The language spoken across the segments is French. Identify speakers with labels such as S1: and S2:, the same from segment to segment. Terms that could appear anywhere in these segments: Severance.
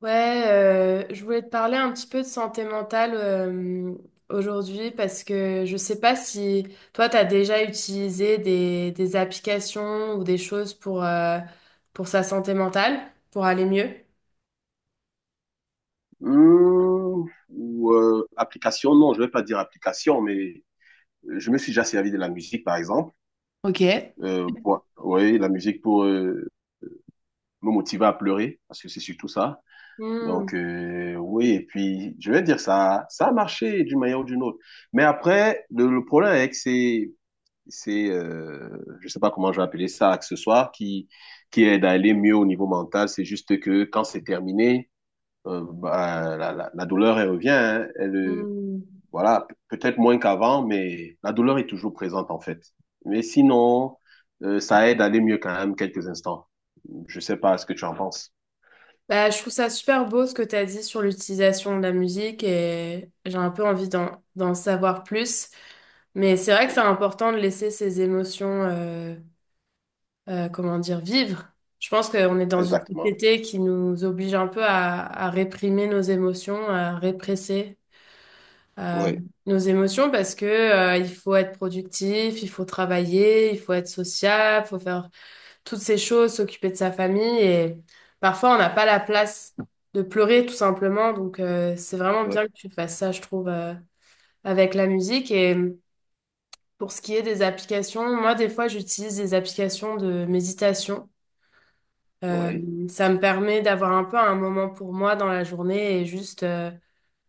S1: Ouais, je voulais te parler un petit peu de santé mentale aujourd'hui parce que je sais pas si toi, tu as déjà utilisé des applications ou des choses pour sa santé mentale, pour aller mieux.
S2: Mmh, ou application, non, je vais pas dire application, mais je me suis déjà servi de la musique, par exemple,
S1: Ok.
S2: pour, oui, la musique pour me motiver à pleurer, parce que c'est surtout ça. Donc,
S1: Hmm,
S2: euh, oui, et puis, je vais dire, ça a marché d'une manière ou d'une autre. Mais après, le problème avec ces, je sais pas comment je vais appeler ça, accessoires qui aident à aller mieux au niveau mental, c'est juste que quand c'est terminé, bah, la douleur, elle revient, hein, elle.
S1: hmm.
S2: Voilà, peut-être moins qu'avant, mais la douleur est toujours présente en fait. Mais sinon, ça aide à aller mieux quand même quelques instants. Je sais pas ce que tu en penses.
S1: Bah, je trouve ça super beau ce que tu as dit sur l'utilisation de la musique et j'ai un peu envie d'en savoir plus. Mais c'est vrai que c'est
S2: Oui,
S1: important de laisser ses émotions comment dire, vivre. Je pense qu'on est dans une
S2: exactement.
S1: société qui nous oblige un peu à réprimer nos émotions, à répresser euh,
S2: Oui,
S1: nos émotions parce que il faut être productif, il faut travailler, il faut être sociable, il faut faire toutes ces choses, s'occuper de sa famille et parfois on n'a pas la place de pleurer tout simplement. Donc c'est vraiment
S2: oui,
S1: bien que tu fasses ça, je trouve, avec la musique et pour ce qui est des applications, moi, des fois, j'utilise des applications de méditation.
S2: oui,
S1: Euh, ça me permet d'avoir un peu un moment pour moi dans la journée et juste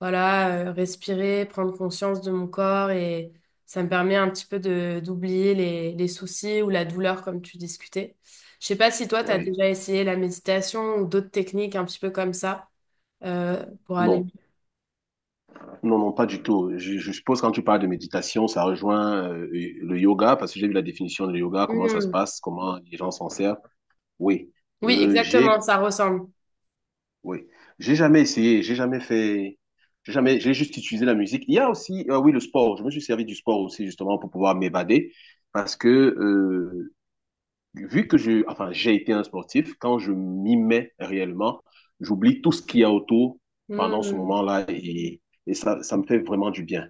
S1: voilà respirer, prendre conscience de mon corps et ça me permet un petit peu de d'oublier les soucis ou la douleur comme tu discutais. Je sais pas si toi tu as
S2: oui.
S1: déjà essayé la méditation ou d'autres techniques un petit peu comme ça pour aller.
S2: Non, non, non, pas du tout. Je suppose quand tu parles de méditation, ça rejoint le yoga parce que j'ai vu la définition de yoga, comment ça se
S1: Hmm.
S2: passe, comment les gens s'en servent. Oui.
S1: Oui,
S2: Euh,
S1: exactement,
S2: j'ai
S1: ça ressemble.
S2: oui, j'ai jamais essayé, j'ai jamais fait, j'ai jamais, j'ai juste utilisé la musique. Il y a aussi, oui, le sport. Je me suis servi du sport aussi justement pour pouvoir m'évader parce que vu que je, enfin, j'ai été un sportif, quand je m'y mets réellement, j'oublie tout ce qu'il y a autour pendant ce
S1: Hmm.
S2: moment-là et, ça me fait vraiment du bien.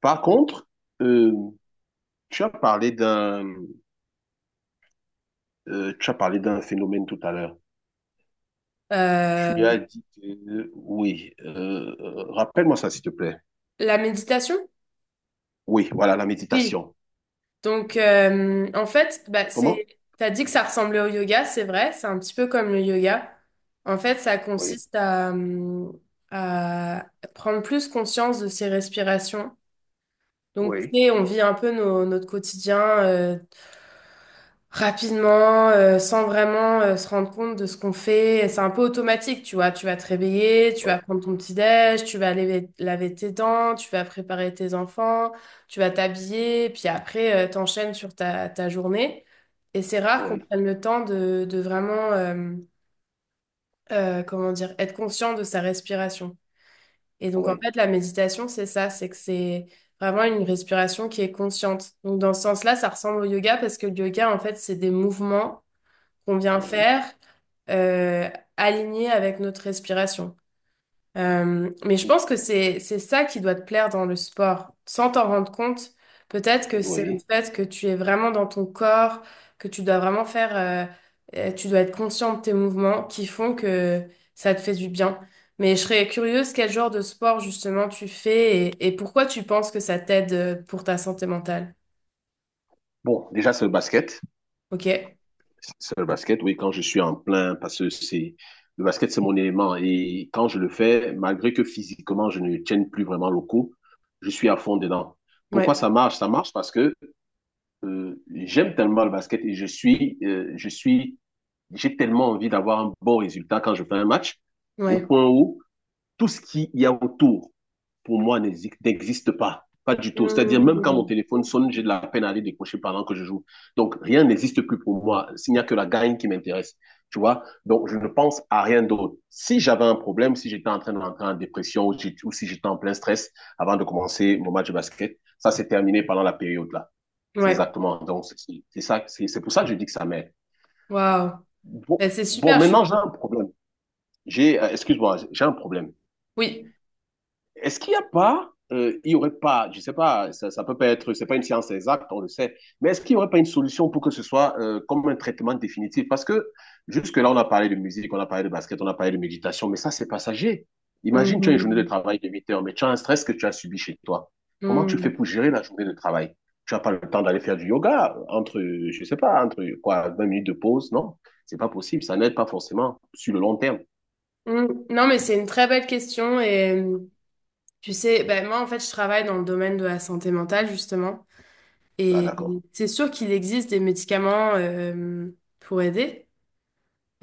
S2: Par contre, euh, tu as parlé d'un, tu as parlé d'un phénomène tout à l'heure. Tu
S1: Euh,
S2: as dit que, oui, rappelle-moi ça s'il te plaît.
S1: la méditation?
S2: Oui, voilà, la
S1: Oui.
S2: méditation.
S1: Donc, en fait,
S2: Comment?
S1: t'as dit que ça ressemblait au yoga, c'est vrai, c'est un petit peu comme le yoga. En fait, ça
S2: Oui,
S1: consiste à prendre plus conscience de ses respirations. Donc, tu
S2: oui.
S1: sais, on vit un peu notre quotidien, euh, rapidement, sans vraiment se rendre compte de ce qu'on fait. C'est un peu automatique, tu vois. Tu vas te réveiller, tu vas
S2: Oui,
S1: prendre ton petit-déj, tu vas laver tes dents, tu vas préparer tes enfants, tu vas t'habiller, puis après, t'enchaînes sur ta journée. Et c'est rare qu'on
S2: oui,
S1: prenne le temps de vraiment, comment dire, être conscient de sa respiration. Et donc, en
S2: oui,
S1: fait, la méditation, c'est que c'est vraiment une respiration qui est consciente. Donc, dans ce sens-là, ça ressemble au yoga parce que le yoga, en fait, c'est des mouvements qu'on vient
S2: oui.
S1: faire euh, aligné avec notre respiration. Mais je pense que c'est ça qui doit te plaire dans le sport. Sans t'en rendre compte, peut-être que c'est le
S2: Oui.
S1: fait que tu es vraiment dans ton corps, que tu dois vraiment faire, tu dois être conscient de tes mouvements qui font que ça te fait du bien. Mais je serais curieuse quel genre de sport justement tu fais et pourquoi tu penses que ça t'aide pour ta santé mentale.
S2: Bon, déjà, c'est le basket.
S1: Ok?
S2: C'est le basket, oui, quand je suis en plein, parce que c'est le basket, c'est mon élément. Et quand je le fais, malgré que physiquement, je ne tienne plus vraiment le coup, je suis à fond dedans. Pourquoi
S1: Ouais,
S2: ça marche? Ça marche parce que j'aime tellement le basket et je suis, j'ai tellement envie d'avoir un bon résultat quand je fais un match, au
S1: ouais.
S2: point où tout ce qu'il y a autour, pour moi, n'existe pas. Pas du tout. C'est-à-dire, même quand
S1: Mmh.
S2: mon téléphone sonne, j'ai de la peine à aller décrocher pendant que je joue. Donc, rien n'existe plus pour moi. Il n'y a que la gagne qui m'intéresse. Tu vois? Donc, je ne pense à rien d'autre. Si j'avais un problème, si j'étais en train d'entrer en dépression ou si j'étais en plein stress avant de commencer mon match de basket, ça, c'est terminé pendant la période-là. C'est
S1: Ouais,
S2: exactement. Donc, c'est ça, c'est pour ça que je dis que ça m'aide.
S1: waouh.
S2: Bon,
S1: Ben, c'est
S2: bon,
S1: super, je suis...
S2: maintenant, j'ai un problème. J'ai, excuse-moi, j'ai un problème.
S1: Oui.
S2: Est-ce qu'il n'y a pas, il y aurait pas, je sais pas, ça peut pas être, c'est pas une science exacte, on le sait, mais est-ce qu'il n'y aurait pas une solution pour que ce soit comme un traitement définitif? Parce que jusque-là, on a parlé de musique, on a parlé de basket, on a parlé de méditation, mais ça, c'est passager. Imagine, tu as une journée de
S1: Mhm.
S2: travail de 8 heures, mais tu as un stress que tu as subi chez toi. Comment tu fais
S1: Mhm.
S2: pour gérer la journée de travail? Tu n'as pas le temps d'aller faire du yoga entre, je sais pas, entre quoi, 20 minutes de pause, non? C'est pas possible, ça n'aide pas forcément sur le long terme.
S1: Mhm. Non, mais c'est une très belle question. Et tu sais, ben, moi, en fait, je travaille dans le domaine de la santé mentale, justement.
S2: Ah,
S1: Et
S2: d'accord.
S1: c'est sûr qu'il existe des médicaments pour aider.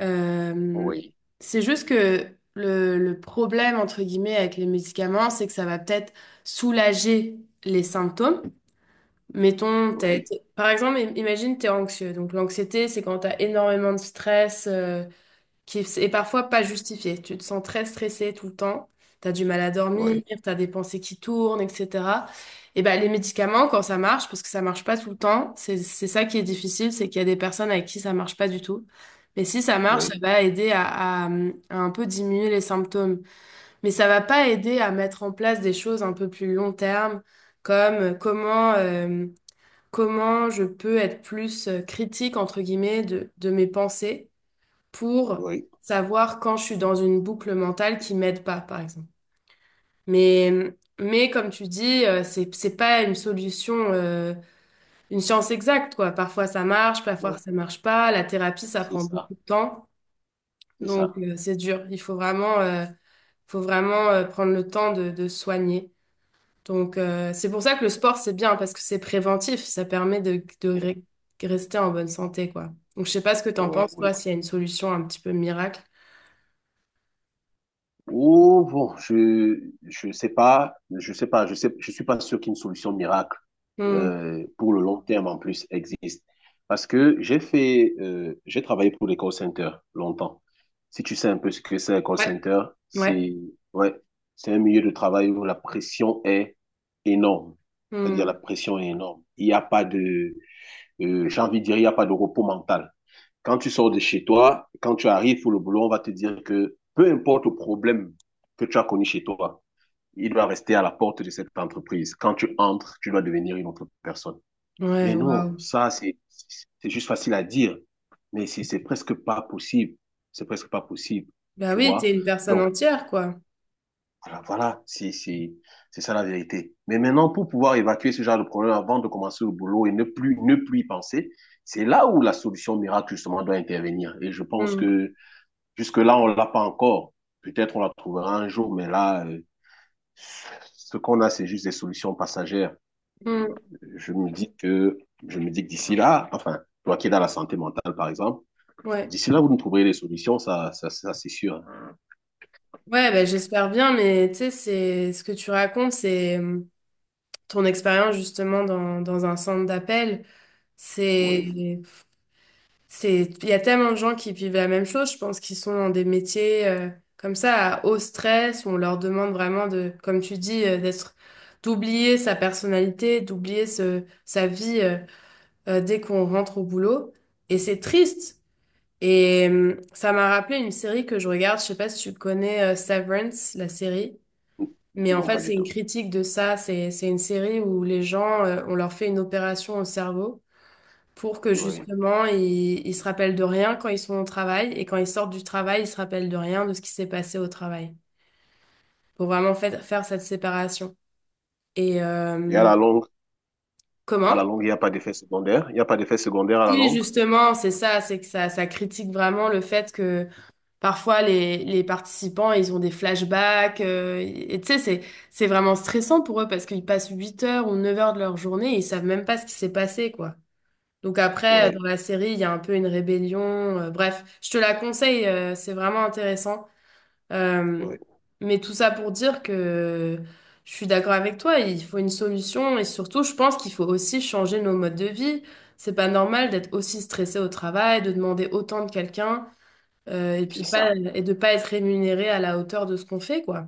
S1: Euh,
S2: Oui,
S1: c'est juste que le problème, entre guillemets, avec les médicaments, c'est que ça va peut-être soulager les symptômes. Mettons,
S2: oui,
S1: par exemple, imagine, tu es anxieux. Donc, l'anxiété, c'est quand tu as énormément de stress. Qui est parfois pas justifié. Tu te sens très stressé tout le temps, tu as du mal à dormir,
S2: oui,
S1: tu as des pensées qui tournent, etc. Et ben les médicaments, quand ça marche, parce que ça marche pas tout le temps, c'est ça qui est difficile, c'est qu'il y a des personnes avec qui ça marche pas du tout. Mais si ça marche, ça
S2: oui,
S1: va aider à un peu diminuer les symptômes. Mais ça va pas aider à mettre en place des choses un peu plus long terme, comme comment je peux être plus critique, entre guillemets, de mes pensées pour
S2: oui.
S1: savoir quand je suis dans une boucle mentale qui m'aide pas, par exemple. Mais comme tu dis, c'est pas une solution, une science exacte, quoi. Parfois
S2: Ouais,
S1: ça marche pas. La thérapie, ça
S2: c'est
S1: prend
S2: ça,
S1: beaucoup de temps.
S2: c'est
S1: Donc,
S2: ça.
S1: c'est dur. Faut vraiment prendre le temps de se soigner. Donc, c'est pour ça que le sport, c'est bien parce que c'est préventif. Ça permet de
S2: Ouais,
S1: rester en bonne santé, quoi. Donc, je sais pas ce que t'en
S2: ouais,
S1: penses,
S2: ouais.
S1: toi, s'il y a une solution un petit peu miracle.
S2: Oh, bon, je sais pas, je sais pas, je sais, je suis pas sûr qu'une solution miracle
S1: Hmm.
S2: pour le long terme en plus existe. Parce que j'ai travaillé pour les call centers longtemps. Si tu sais un peu ce que c'est un call
S1: Ouais.
S2: center,
S1: Ouais.
S2: c'est, ouais, c'est un milieu de travail où la pression est énorme. C'est-à-dire la
S1: Hmm.
S2: pression est énorme. Il n'y a pas de, j'ai envie de dire, il n'y a pas de repos mental. Quand tu sors de chez toi, quand tu arrives pour le boulot, on va te dire que peu importe le problème que tu as connu chez toi, il doit rester à la porte de cette entreprise. Quand tu entres, tu dois devenir une autre personne.
S1: Ouais,
S2: Mais non,
S1: waouh.
S2: ça, c'est juste facile à dire, mais c'est presque pas possible. C'est presque pas possible,
S1: Bah
S2: tu
S1: oui,
S2: vois.
S1: t'es une personne
S2: Donc,
S1: entière, quoi.
S2: voilà, c'est ça la vérité. Mais maintenant, pour pouvoir évacuer ce genre de problème avant de commencer le boulot et ne plus y penser, c'est là où la solution miracle, justement, doit intervenir. Et je pense
S1: Hmm.
S2: que jusque-là, on ne l'a pas encore. Peut-être on la trouvera un jour, mais ce qu'on a, c'est juste des solutions passagères.
S1: Hmm.
S2: Je me dis que, je me dis que d'ici là, enfin, toi qui es dans la santé mentale, par exemple,
S1: Ouais.
S2: d'ici là, vous nous trouverez des solutions, ça, c'est sûr. Hein.
S1: Ouais, bah, j'espère bien, mais tu sais, c'est ce que tu racontes, c'est ton expérience justement dans un centre d'appel.
S2: Oui.
S1: C'est, il y a tellement de gens qui vivent la même chose, je pense, qui sont dans des métiers comme ça, à haut stress, où on leur demande vraiment de, comme tu dis, d'oublier sa personnalité, d'oublier sa vie dès qu'on rentre au boulot. Et c'est triste. Et ça m'a rappelé une série que je regarde, je sais pas si tu connais Severance, la série, mais en
S2: Non,
S1: fait
S2: pas du
S1: c'est une
S2: tout.
S1: critique de ça, c'est une série où les gens, on leur fait une opération au cerveau pour que
S2: Oui.
S1: justement ils se rappellent de rien quand ils sont au travail et quand ils sortent du travail, ils se rappellent de rien de ce qui s'est passé au travail, pour vraiment faire cette séparation. Et
S2: Et à la
S1: comment?
S2: longue, il n'y a pas d'effet secondaire. Il n'y a pas d'effet secondaire à la
S1: Si
S2: longue.
S1: justement c'est ça, ça critique vraiment le fait que parfois, les participants, ils ont des flashbacks. Et tu sais, c'est vraiment stressant pour eux parce qu'ils passent 8 heures ou 9 heures de leur journée et ils savent même pas ce qui s'est passé, quoi. Donc après, dans
S2: Oui.
S1: la série, il y a un peu une rébellion. Bref, je te la conseille, c'est vraiment intéressant. Euh,
S2: Oui.
S1: mais tout ça pour dire que je suis d'accord avec toi, il faut une solution et surtout, je pense qu'il faut aussi changer nos modes de vie. C'est pas normal d'être aussi stressé au travail, de demander autant de quelqu'un. Et
S2: C'est
S1: puis pas
S2: ça.
S1: et de pas être rémunéré à la hauteur de ce qu'on fait, quoi.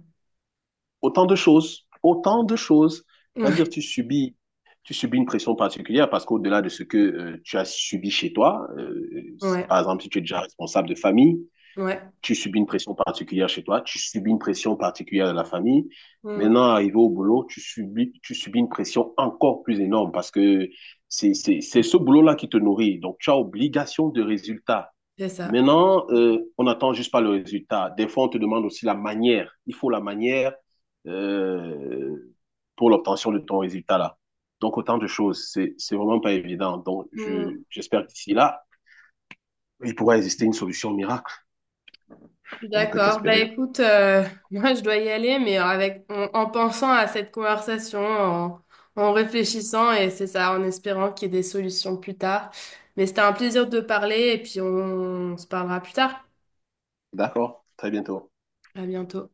S2: Autant de choses, autant de choses. C'est-à-dire,
S1: Ouais,
S2: tu subis une pression particulière parce qu'au-delà de ce que tu as subi chez toi,
S1: ouais,
S2: par exemple, si tu es déjà responsable de famille,
S1: ouais.
S2: tu subis une pression particulière chez toi, tu subis une pression particulière de la famille.
S1: Mm,
S2: Maintenant, arrivé au boulot, tu subis une pression encore plus énorme parce que c'est ce boulot-là qui te nourrit. Donc, tu as obligation de résultat.
S1: c'est ça.
S2: Maintenant, on n'attend juste pas le résultat. Des fois, on te demande aussi la manière. Il faut la manière euh, pour l'obtention de ton résultat là. Donc, autant de choses. C'est vraiment pas évident. Donc,
S1: Mm,
S2: j'espère qu'ici là, il pourra exister une solution miracle.
S1: je suis
S2: On ne peut
S1: d'accord. Bah
S2: qu'espérer.
S1: écoute, moi je dois y aller, mais avec en pensant à cette conversation, en réfléchissant, et c'est ça, en espérant qu'il y ait des solutions plus tard. Mais c'était un plaisir de parler, et puis on se parlera plus tard.
S2: D'accord. Très bientôt.
S1: À bientôt.